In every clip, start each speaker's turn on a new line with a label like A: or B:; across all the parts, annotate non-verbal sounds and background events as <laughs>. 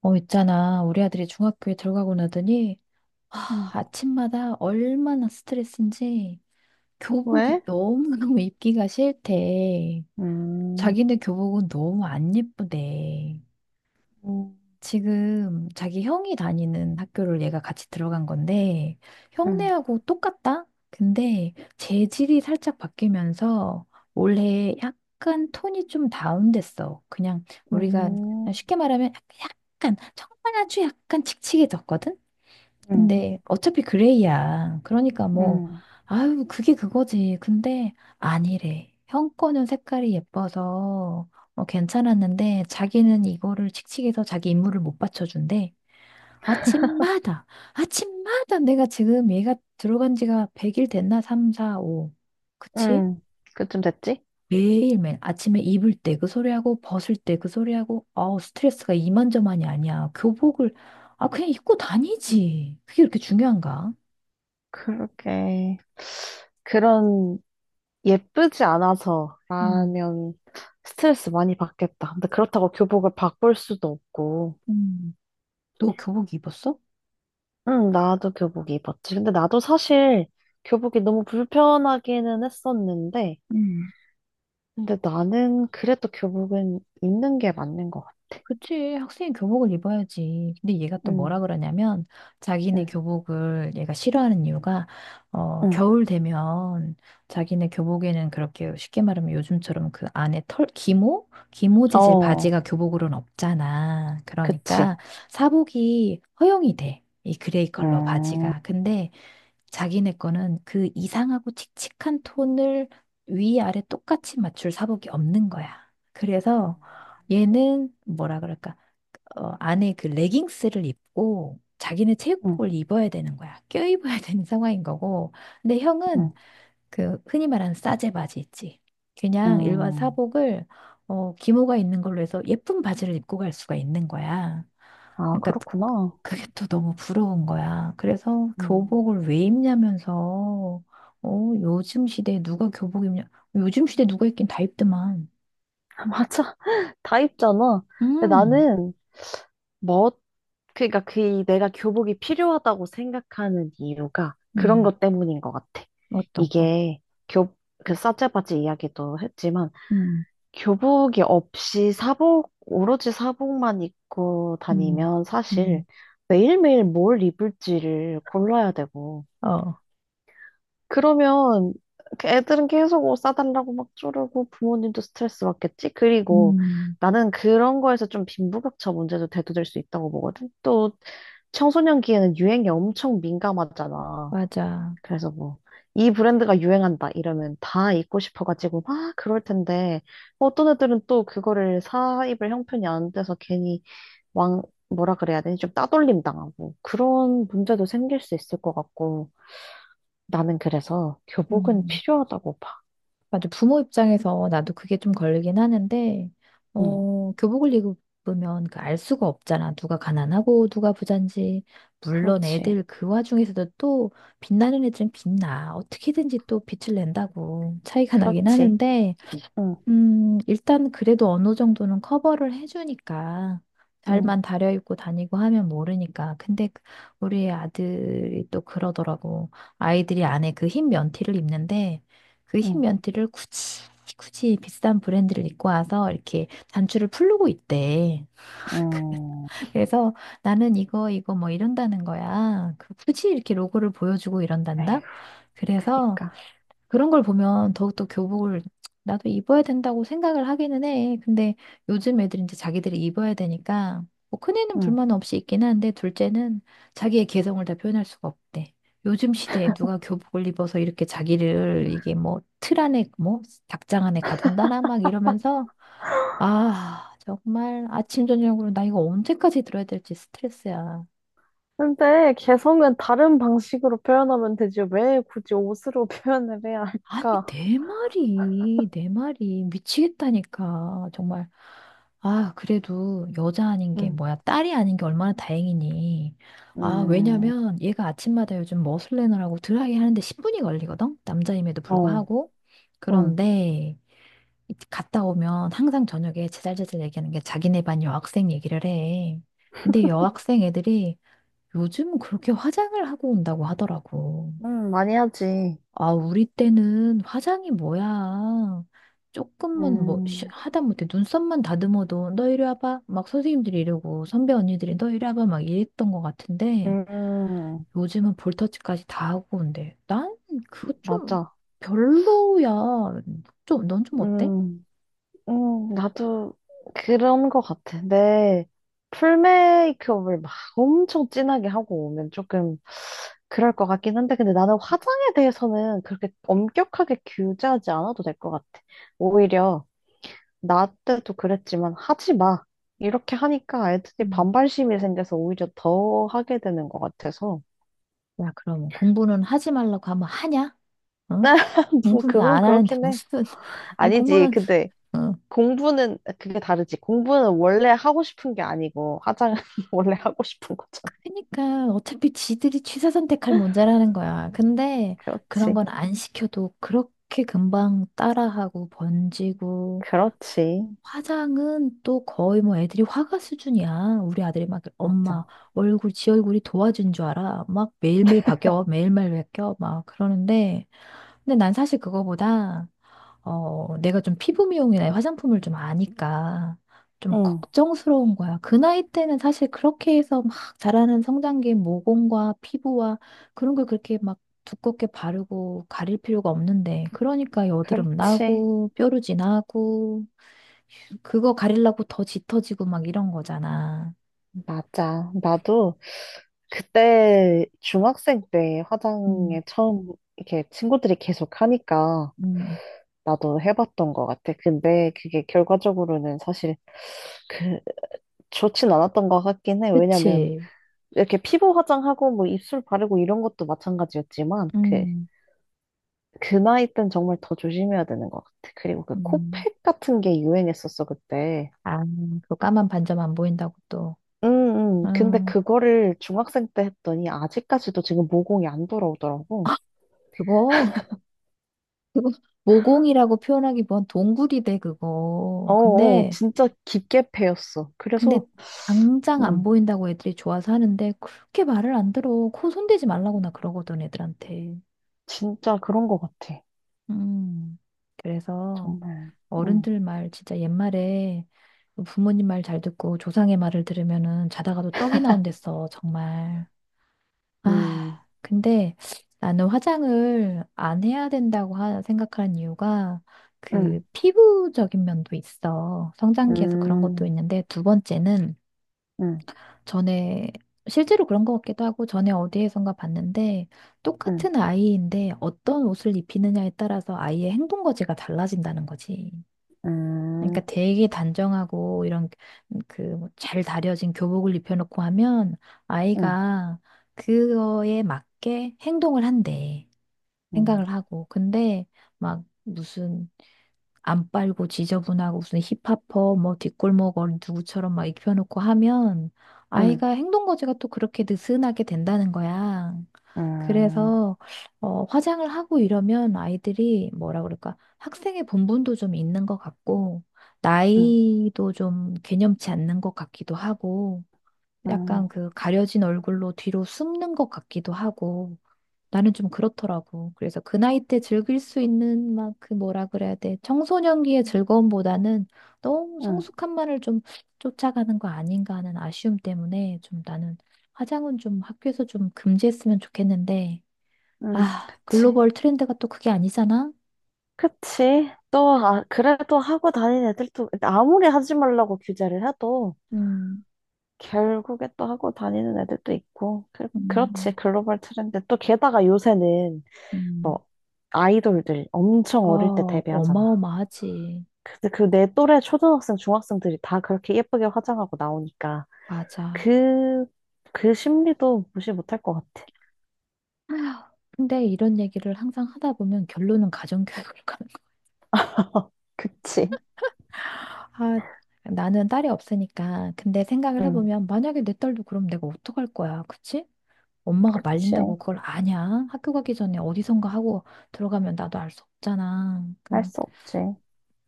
A: 있잖아. 우리 아들이 중학교에 들어가고 나더니, 아,
B: 음.
A: 아침마다 얼마나 스트레스인지 교복이
B: 왜?
A: 너무너무 입기가 싫대.
B: 음,
A: 자기네 교복은 너무 안 예쁘대.
B: 음,
A: 지금 자기 형이 다니는 학교를 얘가 같이 들어간 건데,
B: 음,
A: 형네하고 똑같다? 근데 재질이 살짝 바뀌면서 올해 약간 톤이 좀 다운됐어. 그냥 우리가
B: 음,
A: 쉽게 말하면 약간, 정말 아주 약간 칙칙해졌거든?
B: 음,
A: 근데 어차피 그레이야. 그러니까 뭐, 아유, 그게 그거지. 근데 아니래. 형 거는 색깔이 예뻐서 괜찮았는데 자기는 이거를 칙칙해서 자기 임무를 못 받쳐준대.
B: <laughs> 음,
A: 아침마다, 아침마다 내가 지금 얘가 들어간 지가 100일 됐나? 3, 4, 5. 그치?
B: 음. 그쯤 됐지?
A: 매일매일 아침에 입을 때 그 소리하고 벗을 때 그 소리하고 아우 스트레스가 이만저만이 아니야. 교복을 아 그냥 입고 다니지. 그게 그렇게 중요한가?
B: 그러게 그런, 예쁘지 않아서,
A: 음,
B: 라면, 스트레스 많이 받겠다. 근데 그렇다고 교복을 바꿀 수도 없고,
A: 음. 너 교복 입었어?
B: 응, 나도 교복 입었지. 근데 나도 사실, 교복이 너무 불편하기는 했었는데,
A: 음.
B: 근데 나는 그래도 교복은 입는 게 맞는 것 같아.
A: 그치, 학생이 교복을 입어야지. 근데 얘가 또
B: 응,
A: 뭐라 그러냐면, 자기네
B: 응,
A: 교복을 얘가 싫어하는 이유가,
B: 응.
A: 겨울 되면 자기네 교복에는 그렇게 쉽게 말하면 요즘처럼 그 안에 털, 기모? 기모 재질
B: 어.
A: 바지가 교복으로는 없잖아.
B: 그치.
A: 그러니까 사복이 허용이 돼. 이 그레이 컬러
B: 음,
A: 바지가. 근데 자기네 거는 그 이상하고 칙칙한 톤을 위아래 똑같이 맞출 사복이 없는 거야. 그래서 얘는 뭐라 그럴까? 안에 그 레깅스를 입고 자기는
B: 음,
A: 체육복을 입어야 되는 거야. 껴입어야 <laughs> 되는 상황인 거고. 근데 형은
B: 음,
A: 그 흔히 말하는 싸제 바지 있지. 그냥 일반
B: 음.
A: 사복을 기모가 있는 걸로 해서 예쁜 바지를 입고 갈 수가 있는 거야.
B: 아,
A: 그러니까
B: 그렇구나.
A: 그게 또 너무 부러운 거야. 그래서
B: 음,
A: 교복을 왜 입냐면서 요즘 시대에 누가 교복 입냐? 요즘 시대에 누가 입긴 다 입더만.
B: <laughs> 맞아. <laughs> 다 입잖아. 근데
A: 음,
B: 나는, 뭐, 그니까 러그 내가 교복이 필요하다고 생각하는 이유가 그런
A: 음,
B: 것 때문인 것 같아.
A: 어떤 거?
B: 이게 교, 그 사체바지 이야기도 했지만
A: 음,
B: 교복이 없이 사복, 오로지 사복만 입고
A: 음,
B: 다니면 사실
A: 음,
B: 매일매일 뭘 입을지를 골라야 되고
A: 어,
B: 그러면 그 애들은 계속 옷 사달라고 막 쪼르고 부모님도 스트레스 받겠지? 그리고
A: 음,
B: 나는 그런 거에서 좀 빈부격차 문제도 대두될 수 있다고 보거든. 또 청소년기에는 유행에 엄청 민감하잖아.
A: 맞아.
B: 그래서 뭐, 이 브랜드가 유행한다 이러면 다 입고 싶어가지고 막 그럴 텐데, 뭐 어떤 애들은 또 그거를 사 입을 형편이 안 돼서 괜히 왕, 뭐라 그래야 되니? 좀 따돌림 당하고 그런 문제도 생길 수 있을 것 같고. 나는 그래서 교복은
A: 음,
B: 필요하다고 봐.
A: 맞아. 부모 입장에서 나도 그게 좀 걸리긴 하는데,
B: 응,
A: 교복을 입으면 그 알 수가 없잖아. 누가 가난하고 누가 부잔지. 물론
B: 그렇지.
A: 애들 그 와중에서도 또 빛나는 애들은 빛나. 어떻게든지 또 빛을 낸다고 차이가 나긴
B: 그렇지.
A: 하는데,
B: 응,
A: 일단 그래도 어느 정도는 커버를 해주니까
B: 응,
A: 잘만 다려입고 다니고 하면 모르니까. 근데 우리 아들이 또 그러더라고. 아이들이 안에 그 흰 면티를 입는데 그 흰
B: 응,
A: 면티를 굳이 굳이 비싼 브랜드를 입고 와서 이렇게 단추를 풀르고 있대.
B: 응
A: <laughs> 그래서 나는 이거 이거 뭐 이런다는 거야. 그 굳이 이렇게 로고를 보여주고 이런단다.
B: 에휴,
A: 그래서
B: 그니까.
A: 그런 걸 보면 더욱더 교복을 나도 입어야 된다고 생각을 하기는 해. 근데 요즘 애들이 이제 자기들이 입어야 되니까 뭐 큰애는
B: 응.
A: 불만 없이 입긴 한데 둘째는 자기의 개성을 다 표현할 수가 없대. 요즘 시대에 누가 교복을 입어서 이렇게 자기를 이게 뭐 틀 안에 뭐 닭장 안에 가둔다나 막 이러면서 아 정말 아침 저녁으로 나 이거 언제까지 들어야 될지 스트레스야.
B: 근데 개성은 다른 방식으로 표현하면 되지. 왜 굳이 옷으로 <laughs> 표현을 해야
A: 아니,
B: 할까?
A: 네 마리, 네 마리. 미치겠다니까. 정말. 아, 그래도 여자 아닌 게
B: 응,
A: 뭐야. 딸이 아닌 게 얼마나 다행이니. 아,
B: 음,
A: 왜냐면 얘가 아침마다 요즘 머슬레너라고 드라이 하는데 10분이 걸리거든? 남자임에도
B: 어,
A: 불구하고.
B: 응,
A: 그런데 갔다 오면 항상 저녁에 제잘제잘 얘기하는 게 자기네 반 여학생 얘기를 해. 근데 여학생 애들이 요즘 그렇게 화장을 하고 온다고 하더라고.
B: 응, 많이 하지.
A: 아, 우리 때는 화장이 뭐야. 조금만 뭐,
B: 음,
A: 하다못해 눈썹만 다듬어도 너 이리 와봐. 막 선생님들이 이러고 선배 언니들이 너 이리 와봐. 막 이랬던 것 같은데
B: 음,
A: 요즘은 볼터치까지 다 하고 온대. 난 그거 좀
B: 맞아.
A: 별로야. 좀, 넌 좀 어때?
B: 음. 나도 그런 것 같아. 내 풀메이크업을 막 엄청 진하게 하고 오면 조금 그럴 것 같긴 한데, 근데 나는 화장에 대해서는 그렇게 엄격하게 규제하지 않아도 될 것 같아. 오히려 나 때도 그랬지만 하지 마. 이렇게 하니까 애들이
A: 음.
B: 반발심이 생겨서 오히려 더 하게 되는 것 같아서.
A: 야, 그럼 공부는 하지 말라고 하면 하냐? 응?
B: <laughs> 뭐,
A: 공부는
B: 그건
A: 안 하는데
B: 그렇긴 해.
A: 무슨, <laughs>
B: 아니지.
A: 공부는,
B: 근데
A: 어,
B: 공부는 그게 다르지. 공부는 원래 하고 싶은 게 아니고 화장은 <laughs> 원래 하고 싶은 거잖아.
A: 그니까 러 어차피 지들이 취사 선택할 문제라는 거야. 근데 그런
B: 그렇지.
A: 건 안 시켜도 그렇게 금방 따라하고 번지고
B: 그렇지.
A: 화장은 또 거의 뭐 애들이 화가 수준이야. 우리 아들이 막 엄마
B: 맞아.
A: 얼굴 지 얼굴이 도와준 줄 알아. 막 매일매일 바뀌어 매일매일 바뀌어 막 그러는데 근데 난 사실 그거보다 내가 좀 피부 미용이나 화장품을 좀 아니까 좀
B: 응.
A: 걱정스러운 거야. 그 나이 때는 사실 그렇게 해서 막 자라는 성장기 모공과 피부와 그런 걸 그렇게 막 두껍게 바르고 가릴 필요가 없는데 그러니까 여드름
B: 그렇지.
A: 나고 뾰루지 나고 그거 가리려고 더 짙어지고 막 이런 거잖아.
B: 맞아. 나도 그때 중학생 때
A: 음,
B: 화장에 처음 이렇게 친구들이 계속 하니까
A: 음,
B: 나도 해봤던 것 같아. 근데 그게 결과적으로는 사실 그 좋진 않았던 것 같긴 해. 왜냐면
A: 그치?
B: 이렇게 피부 화장하고 뭐 입술 바르고 이런 것도 마찬가지였지만
A: 음.
B: 그 나이 땐 정말 더 조심해야 되는 것 같아. 그리고 그
A: 음.
B: 코팩 같은 게 유행했었어, 그때.
A: 아, 그 까만 반점 안 보인다고 또.
B: 근데
A: 음,
B: 그거를 중학생 때 했더니 아직까지도 지금 모공이 안 돌아오더라고.
A: 그거 그거 모공이라고 표현하기보단 동굴이대 그거. 근데
B: 진짜 깊게 패였어.
A: 근데
B: 그래서,
A: 당장 안
B: 음,
A: 보인다고 애들이 좋아서 하는데 그렇게 말을 안 들어. 코 손대지 말라고 나 그러거든 애들한테.
B: 진짜 그런 것 같아.
A: 음. 그래서
B: 정말. 음,
A: 어른들 말 진짜 옛말에 부모님 말 잘 듣고 조상의 말을 들으면은 자다가도 떡이 나온댔어 정말.
B: 음,
A: 아, 근데 나는 화장을 안 해야 된다고 생각하는 이유가 그
B: 음,
A: 피부적인 면도 있어. 성장기에서 그런 것도
B: 음,
A: 있는데 두 번째는
B: 음,
A: 전에 실제로 그런 것 같기도 하고 전에 어디에선가 봤는데
B: 음,
A: 똑같은 아이인데 어떤 옷을 입히느냐에 따라서 아이의 행동 거지가 달라진다는 거지. 그러니까
B: 음,
A: 되게 단정하고 이런 그 뭐 잘 다려진 교복을 입혀놓고 하면
B: 음,
A: 아이가 그거에 맞게 행동을 한대.
B: 음,
A: 생각을 하고. 근데 막 무슨 안 빨고 지저분하고 무슨 힙합퍼 뭐 뒷골목 어린 누구처럼 막 입혀놓고 하면
B: 음,
A: 아이가 행동 거지가 또 그렇게 느슨하게 된다는 거야.
B: 음,
A: 그래서 화장을 하고 이러면 아이들이 뭐라 그럴까 학생의 본분도 좀 있는 것 같고
B: 음,
A: 나이도 좀 개념치 않는 것 같기도 하고 약간
B: 음,
A: 그 가려진 얼굴로 뒤로 숨는 것 같기도 하고 나는 좀 그렇더라고. 그래서 그 나이 때 즐길 수 있는 막 그 뭐라 그래야 돼. 청소년기의 즐거움보다는 너무
B: 음,
A: 성숙함만을 좀 쫓아가는 거 아닌가 하는 아쉬움 때문에 좀 나는 화장은 좀 학교에서 좀 금지했으면 좋겠는데, 아,
B: 그치.
A: 글로벌 트렌드가 또 그게 아니잖아?
B: 그치. 또, 아, 그래도 하고 다니는 애들도, 아무리 하지 말라고 규제를 해도,
A: 음,
B: 결국에 또 하고 다니는 애들도 있고, 그렇지.
A: 음,
B: 글로벌 트렌드. 또 게다가 요새는,
A: 음.
B: 뭐, 아이돌들 엄청 어릴 때
A: 어,
B: 데뷔하잖아.
A: 어마어마하지.
B: 근데 그 내 또래 초등학생, 중학생들이 다 그렇게 예쁘게 화장하고 나오니까,
A: 맞아.
B: 그, 그 심리도 무시 못할 것 같아.
A: 아휴, 근데 이런 얘기를 항상 하다 보면 결론은 가정교육으로 가.
B: <laughs> 그치.
A: 아, 나는 딸이 없으니까. 근데 생각을
B: 응,
A: 해보면, 만약에 내 딸도 그럼 내가 어떡할 거야, 그치? 엄마가
B: 그치.
A: 말린다고 그걸 아냐? 학교 가기 전에 어디선가 하고 들어가면 나도 알 수 없잖아. 그
B: 할 수 없지.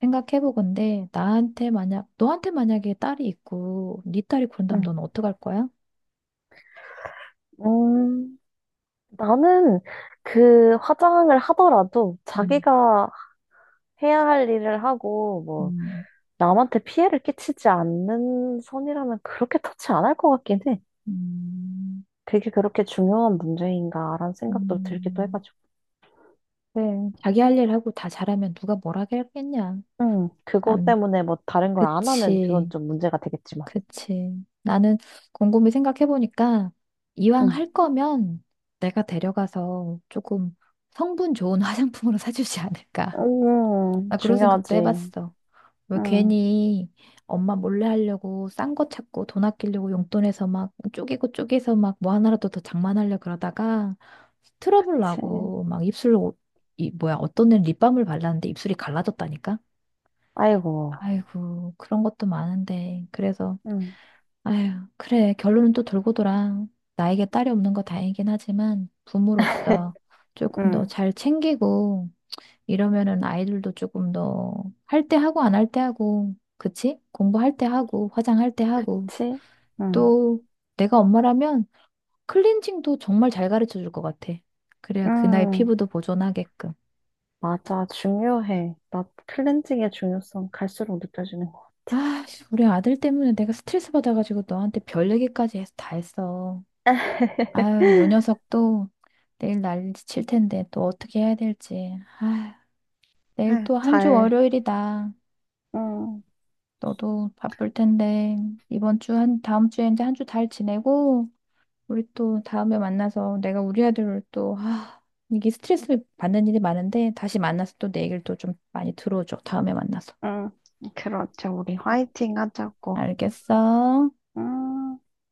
A: 생각해보건데, 나한테 만약, 너한테 만약에 딸이 있고, 네 딸이 그런다면
B: 응.
A: 넌 어떡할 거야?
B: 음. 나는 그 화장을 하더라도
A: 음,
B: 자기가 해야 할 일을 하고 뭐
A: 음,
B: 남한테 피해를 끼치지 않는 선이라면 그렇게 터치 안 할 것 같긴 해.
A: 음,
B: 그게 그렇게 중요한 문제인가라는 생각도 들기도
A: 음.
B: 해가지고.
A: 네. 자기 할 일 하고 다 잘하면 누가 뭐라 하겠냐?
B: 그거
A: 안,
B: 때문에 뭐 다른 걸 안 하면 그건
A: 그치.
B: 좀 문제가 되겠지만.
A: 그치. 나는 곰곰이 생각해보니까 이왕
B: 음,
A: 할 거면 내가 데려가서 조금 성분 좋은 <laughs> 화장품으로 사주지 않을까. 나 그런 생각도
B: 중요하지.
A: 해봤어. 왜
B: 음,
A: 괜히 엄마 몰래 하려고 싼 거 찾고 돈 아끼려고 용돈에서 막 쪼개고 쪼개서 막 뭐 하나라도 더 장만하려 그러다가 트러블
B: 그치.
A: 나고 막 입술로 이 뭐야 어떤 애는 립밤을 발랐는데 입술이 갈라졌다니까?
B: 아이고.
A: 아이고 그런 것도 많은데 그래서
B: 음,
A: 아휴, 그래. 결론은 또 돌고 돌아. 나에게 딸이 없는 거 다행이긴 하지만 부모로서
B: <laughs>
A: 조금 더
B: 음,
A: 잘 챙기고 이러면은 아이들도 조금 더 할 때 하고 안 할 때 하고, 그치? 공부할 때 하고, 화장할 때 하고.
B: 그치. 음,
A: 또 내가 엄마라면 클렌징도 정말 잘 가르쳐 줄 것 같아. 그래야 그 나이
B: 음.
A: 피부도 보존하게끔.
B: 맞아, 중요해. 나 클렌징의 중요성 갈수록 느껴지는 것 같아.
A: 아, 씨, 우리 아들 때문에 내가 스트레스 받아가지고 너한테 별 얘기까지 해서 다 했어.
B: <laughs>
A: 아유, 요 녀석도 내일 난리칠 텐데 또 어떻게 해야 될지. 아유, 내일
B: 아유,
A: 또 한 주
B: 잘,
A: 월요일이다.
B: 응,
A: 너도 바쁠 텐데 이번 주 한 다음 주에 이제 한 주 잘 지내고 우리 또 다음에 만나서 내가 우리 아들을 또 아, 이게 스트레스 받는 일이 많은데 다시 만나서 또 내 얘기를 또 좀 많이 들어줘. 다음에 만나서.
B: 응, 그렇죠. 우리 화이팅 하자고.
A: 알겠어?
B: 음.